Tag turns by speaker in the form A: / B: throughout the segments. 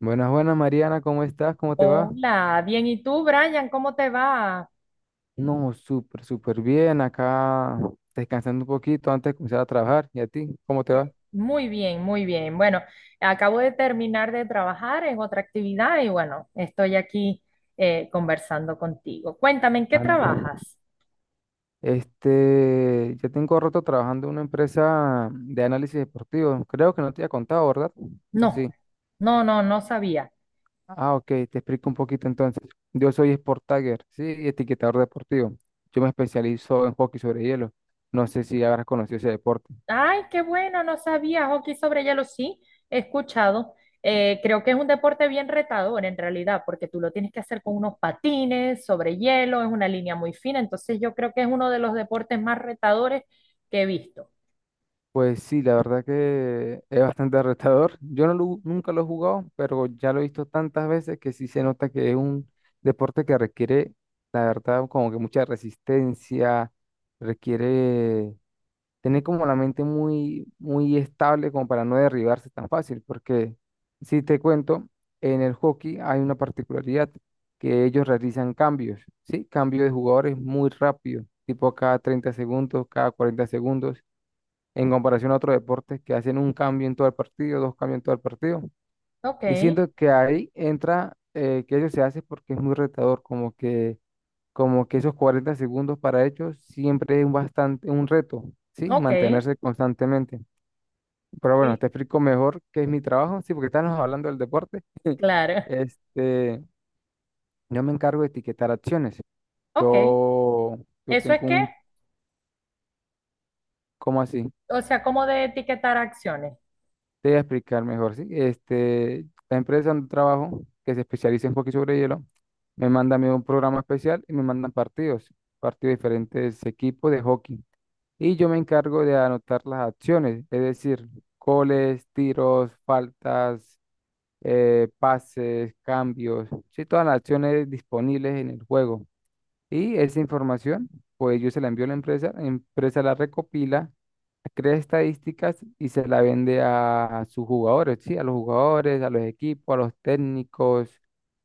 A: Buenas, buenas, Mariana, ¿cómo estás? ¿Cómo te va?
B: Hola, bien. ¿Y tú, Brian? ¿Cómo te va?
A: No, súper, súper bien. Acá descansando un poquito antes de comenzar a trabajar. ¿Y a ti? ¿Cómo te va?
B: Muy bien, muy bien. Bueno, acabo de terminar de trabajar en otra actividad y bueno, estoy aquí conversando contigo. Cuéntame, ¿en qué
A: Ah,
B: trabajas?
A: Ya tengo rato trabajando en una empresa de análisis deportivo. Creo que no te había contado, ¿verdad? ¿O
B: No,
A: sí?
B: no sabía.
A: Ah, ok, te explico un poquito entonces. Yo soy Sport Tagger, sí, y etiquetador deportivo. Yo me especializo en hockey sobre hielo. No sé si habrás conocido ese deporte.
B: Ay, qué bueno, no sabía. Hockey sobre hielo sí, he escuchado. Creo que es un deporte bien retador en realidad, porque tú lo tienes que hacer con unos patines sobre hielo, es una línea muy fina, entonces yo creo que es uno de los deportes más retadores que he visto.
A: Pues sí, la verdad que es bastante retador. Yo nunca lo he jugado, pero ya lo he visto tantas veces que sí se nota que es un deporte que requiere, la verdad, como que mucha resistencia, requiere tener como la mente muy, muy estable como para no derribarse tan fácil, porque si te cuento, en el hockey hay una particularidad que ellos realizan cambios, ¿sí? Cambio de jugadores muy rápido, tipo cada 30 segundos, cada 40 segundos en comparación a otros deportes que hacen un cambio en todo el partido, dos cambios en todo el partido.
B: Ok,
A: Y siento que ahí entra que eso se hace porque es muy retador, como que esos 40 segundos para ellos siempre es un bastante un reto, ¿sí?
B: ok,
A: Mantenerse constantemente. Pero bueno,
B: y-
A: te explico mejor qué es mi trabajo, sí, porque estamos hablando del deporte.
B: claro,
A: Este, yo me encargo de etiquetar acciones.
B: ok.
A: Yo, yo
B: ¿Eso
A: tengo
B: es qué?
A: un, ¿Cómo así?
B: O sea, como de etiquetar acciones.
A: Te voy a explicar mejor, ¿sí? La empresa donde trabajo, que se especializa en hockey sobre hielo, me manda a mí un programa especial y me mandan partidos, partidos de diferentes equipos de hockey. Y yo me encargo de anotar las acciones, es decir, goles, tiros, faltas, pases, cambios, sí, todas las acciones disponibles en el juego. Y esa información, pues yo se la envío a la empresa, la empresa la recopila, crea estadísticas y se la vende a sus jugadores, ¿sí? A los jugadores, a los equipos, a los técnicos,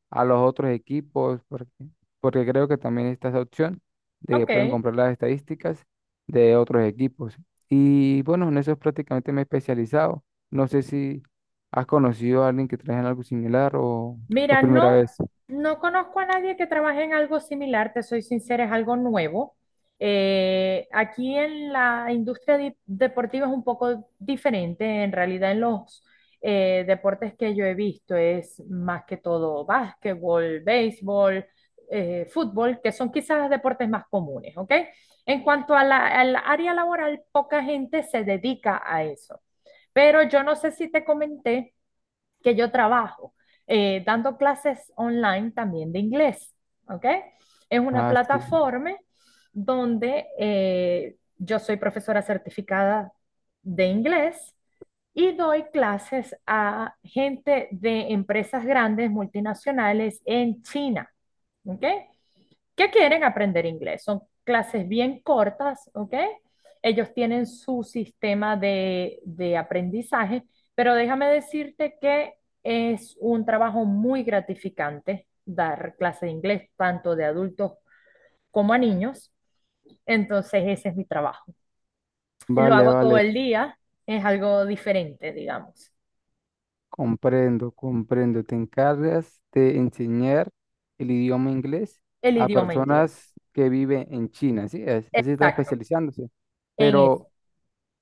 A: a los otros equipos, porque creo que también está esa opción de que pueden
B: Ok,
A: comprar las estadísticas de otros equipos. Y bueno, en eso prácticamente me he especializado. No sé si has conocido a alguien que trabaja en algo similar o
B: Mira,
A: primera
B: no,
A: vez.
B: no conozco a nadie que trabaje en algo similar, te soy sincera, es algo nuevo. Aquí en la industria deportiva es un poco diferente, en realidad en los deportes que yo he visto es más que todo básquetbol, béisbol, fútbol, que son quizás los deportes más comunes, ¿ok? En cuanto a al área laboral, poca gente se dedica a eso. Pero yo no sé si te comenté que yo trabajo, dando clases online también de inglés, ¿ok? Es una
A: Ah, sí.
B: plataforma donde yo soy profesora certificada de inglés y doy clases a gente de empresas grandes, multinacionales en China, ¿ok? Que quieren aprender inglés. Son clases bien cortas, ¿ok? Ellos tienen su sistema de aprendizaje, pero déjame decirte que es un trabajo muy gratificante dar clases de inglés, tanto de adultos como a niños. Entonces, ese es mi trabajo. Lo
A: Vale,
B: hago todo
A: vale.
B: el día, es algo diferente, digamos.
A: Comprendo, comprendo. Te encargas de enseñar el idioma inglés
B: El
A: a
B: idioma inglés.
A: personas que viven en China, así es, así está
B: Exacto,
A: especializándose.
B: en eso.
A: Pero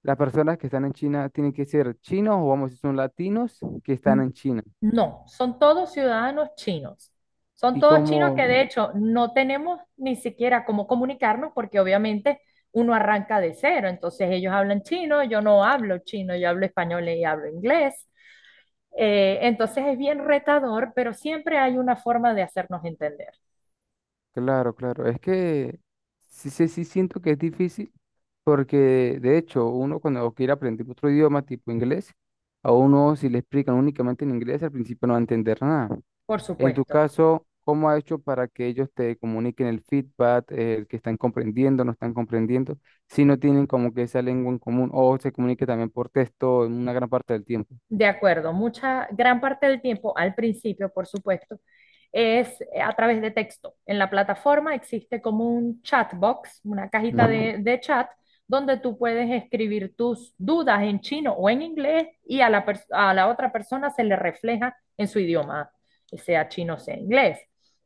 A: las personas que están en China tienen que ser chinos o vamos, si son latinos que están
B: N-
A: en China.
B: No, son todos ciudadanos chinos. Son
A: Y
B: todos chinos
A: como,
B: que de hecho no tenemos ni siquiera cómo comunicarnos porque obviamente uno arranca de cero. Entonces ellos hablan chino, yo no hablo chino, yo hablo español y hablo inglés. Entonces es bien retador, pero siempre hay una forma de hacernos entender,
A: claro, claro, es que sí, sí, sí siento que es difícil porque de hecho uno cuando quiere aprender otro idioma tipo inglés, a uno si le explican únicamente en inglés al principio no va a entender nada.
B: por
A: En tu
B: supuesto.
A: caso, ¿cómo ha hecho para que ellos te comuniquen el feedback, el que están comprendiendo, no están comprendiendo, si no tienen como que esa lengua en común o se comunique también por texto en una gran parte del tiempo?
B: De acuerdo, mucha, gran parte del tiempo, al principio, por supuesto, es a través de texto. En la plataforma existe como un chat box, una cajita
A: Ujú.
B: de chat, donde tú puedes escribir tus dudas en chino o en inglés y a a la otra persona se le refleja en su idioma, sea chino o sea inglés.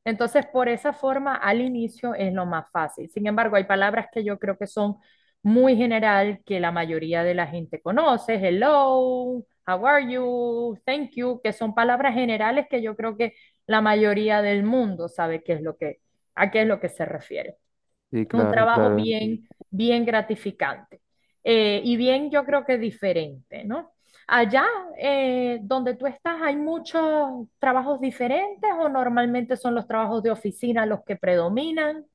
B: Entonces, por esa forma, al inicio es lo más fácil. Sin embargo, hay palabras que yo creo que son muy general, que la mayoría de la gente conoce, hello, how are you, thank you, que son palabras generales que yo creo que la mayoría del mundo sabe qué es lo que, a qué es lo que se refiere.
A: Sí,
B: Es un
A: claro,
B: trabajo
A: claro, entiendo.
B: bien, bien gratificante y bien yo creo que diferente, ¿no? Allá donde tú estás, ¿hay muchos trabajos diferentes o normalmente son los trabajos de oficina los que predominan?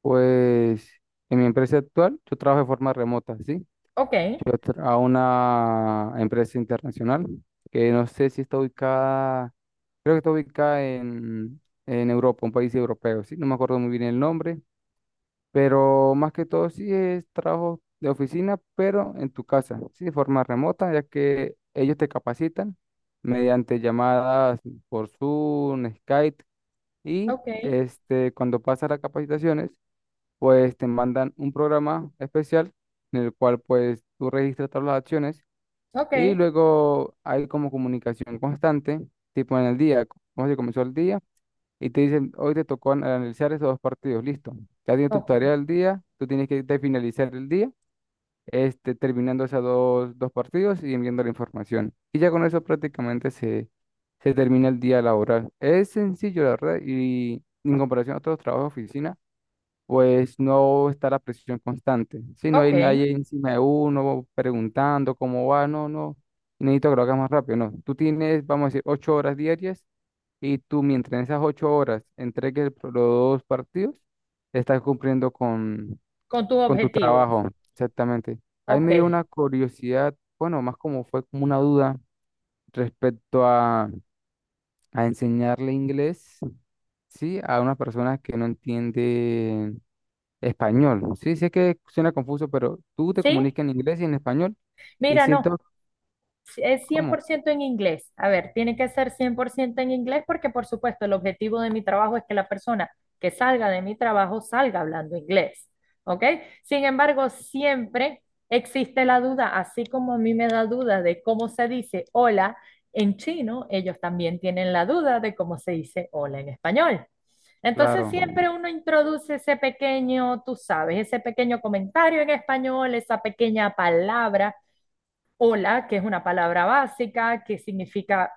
A: Pues en mi empresa actual, yo trabajo de forma remota, ¿sí?
B: Ok,
A: A una empresa internacional que no sé si está ubicada, creo que está ubicada en Europa, un país europeo, ¿sí? No me acuerdo muy bien el nombre. Pero más que todo sí es trabajo de oficina, pero en tu casa, sí, de forma remota, ya que ellos te capacitan mediante llamadas por Zoom, Skype, y
B: ok,
A: cuando pasas las capacitaciones, pues te mandan un programa especial en el cual pues tú registras todas las acciones
B: ok,
A: y luego hay como comunicación constante, tipo en el día, cómo se comenzó el día, y te dicen, hoy te tocó analizar esos dos partidos, listo. Ya tienes tu
B: ok,
A: tarea del día, tú tienes que de finalizar el día, terminando esos dos partidos y enviando la información. Y ya con eso prácticamente se termina el día laboral. Es sencillo, la verdad, y en comparación a otros trabajos de oficina, pues no está la presión constante. Si no hay
B: ok,
A: nadie encima de uno preguntando cómo va, no, no. Necesito que lo hagas más rápido, no. Tú tienes, vamos a decir, 8 horas diarias, y tú mientras en esas 8 horas entregues los dos partidos, estás cumpliendo con,
B: con tus
A: con tu
B: objetivos.
A: trabajo, exactamente. Ahí
B: Ok,
A: me dio una curiosidad, bueno, más como fue como una duda respecto a enseñarle inglés, ¿sí? A unas personas que no entienden español. Sí, sé que suena confuso, pero tú te
B: ¿sí?
A: comunicas en inglés y en español y
B: Mira, no,
A: siento
B: sí, es cien
A: cómo
B: por ciento en inglés. A ver, tiene que ser 100% en inglés porque, por supuesto, el objetivo de mi trabajo es que la persona que salga de mi trabajo salga hablando inglés. ¿Ok? Sin embargo, siempre existe la duda, así como a mí me da duda de cómo se dice hola en chino, ellos también tienen la duda de cómo se dice hola en español.
A: claro,
B: Entonces siempre uno introduce ese pequeño, tú sabes, ese pequeño comentario en español, esa pequeña palabra hola, que es una palabra básica, que significa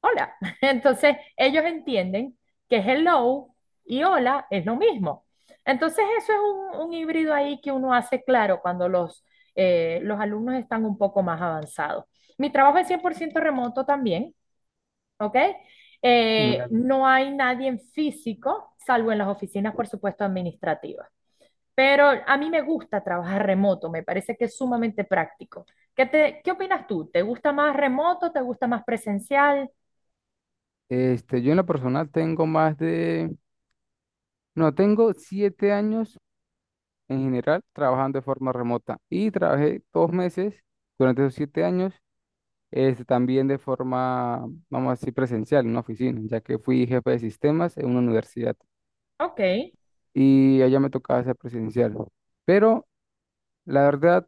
B: hola. Entonces, ellos entienden que hello y hola es lo mismo. Entonces, eso es un híbrido ahí que uno hace claro cuando los alumnos están un poco más avanzados. Mi trabajo es 100% remoto también, ¿ok?
A: genial.
B: No hay nadie en físico, salvo en las oficinas, por supuesto, administrativas. Pero a mí me gusta trabajar remoto, me parece que es sumamente práctico. ¿Qué te, qué opinas tú? ¿Te gusta más remoto? ¿Te gusta más presencial?
A: Yo en lo personal tengo más de... No, tengo 7 años en general trabajando de forma remota y trabajé 2 meses durante esos 7 años, también de forma, vamos a decir, presencial en una oficina, ya que fui jefe de sistemas en una universidad
B: Ok,
A: y allá me tocaba ser presencial. Pero la verdad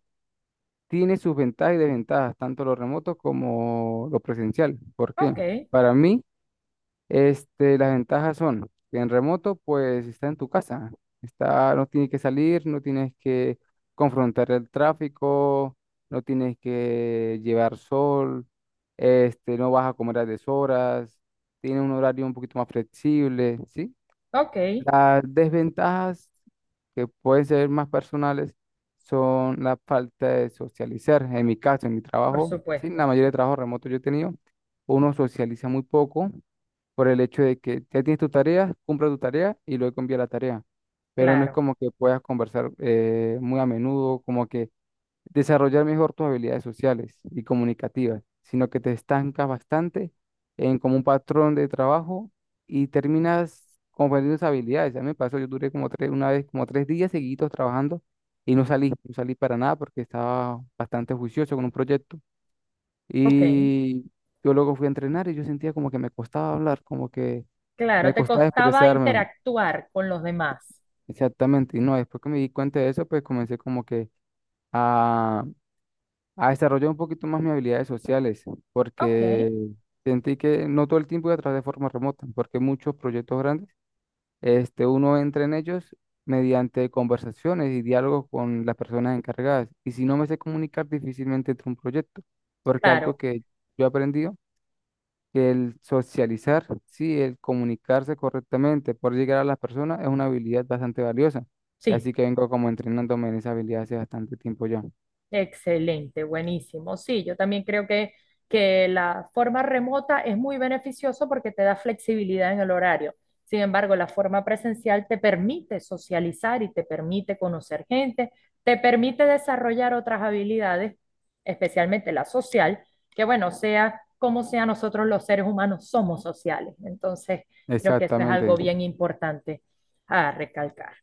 A: tiene sus ventajas y desventajas, tanto lo remoto como lo presencial. ¿Por qué?
B: ok,
A: Para mí, las ventajas son que en remoto, pues está en tu casa, está, no tienes que salir, no tienes que confrontar el tráfico, no tienes que llevar sol, no vas a comer a deshoras, tiene un horario un poquito más flexible, ¿sí?
B: ok,
A: Las desventajas que pueden ser más personales son la falta de socializar. En mi caso, en mi
B: por
A: trabajo, sí,
B: supuesto,
A: la mayoría de trabajo remoto yo he tenido, uno socializa muy poco por el hecho de que ya tienes tu tarea, cumple tu tarea y luego envía la tarea. Pero no es
B: claro,
A: como que puedas conversar muy a menudo, como que desarrollar mejor tus habilidades sociales y comunicativas, sino que te estancas bastante en como un patrón de trabajo y terminas confundiendo esas habilidades. A mí me pasó, yo duré como tres, una vez, como 3 días seguidos trabajando y no salí, no salí para nada porque estaba bastante juicioso con un proyecto.
B: ok,
A: Y yo luego fui a entrenar y yo sentía como que me costaba hablar, como que
B: claro,
A: me
B: te
A: costaba
B: costaba
A: expresarme.
B: interactuar con los demás.
A: Exactamente. Y no, después que me di cuenta de eso, pues comencé como que a, a desarrollar un poquito más mis habilidades sociales,
B: Ok,
A: porque sentí que no todo el tiempo iba a trabajar de forma remota, porque muchos proyectos grandes, uno entra en ellos mediante conversaciones y diálogos con las personas encargadas. Y si no me sé comunicar, difícilmente entro a un proyecto, porque algo
B: claro,
A: que yo aprendí que el socializar, sí, el comunicarse correctamente, por llegar a las personas es una habilidad bastante valiosa.
B: sí,
A: Así que vengo como entrenándome en esa habilidad hace bastante tiempo ya.
B: excelente, buenísimo. Sí, yo también creo que la forma remota es muy beneficioso porque te da flexibilidad en el horario. Sin embargo, la forma presencial te permite socializar y te permite conocer gente, te permite desarrollar otras habilidades, especialmente la social, que bueno, sea como sea, nosotros los seres humanos somos sociales. Entonces, creo que eso es algo
A: Exactamente.
B: bien importante a recalcar.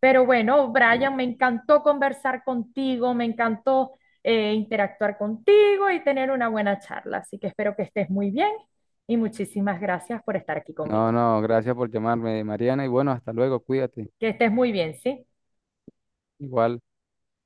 B: Pero bueno, Brian, me encantó conversar contigo, me encantó interactuar contigo y tener una buena charla. Así que espero que estés muy bien y muchísimas gracias por estar aquí
A: No,
B: conmigo.
A: no, gracias por llamarme, Mariana, y bueno, hasta luego, cuídate.
B: Que estés muy bien, ¿sí?
A: Igual.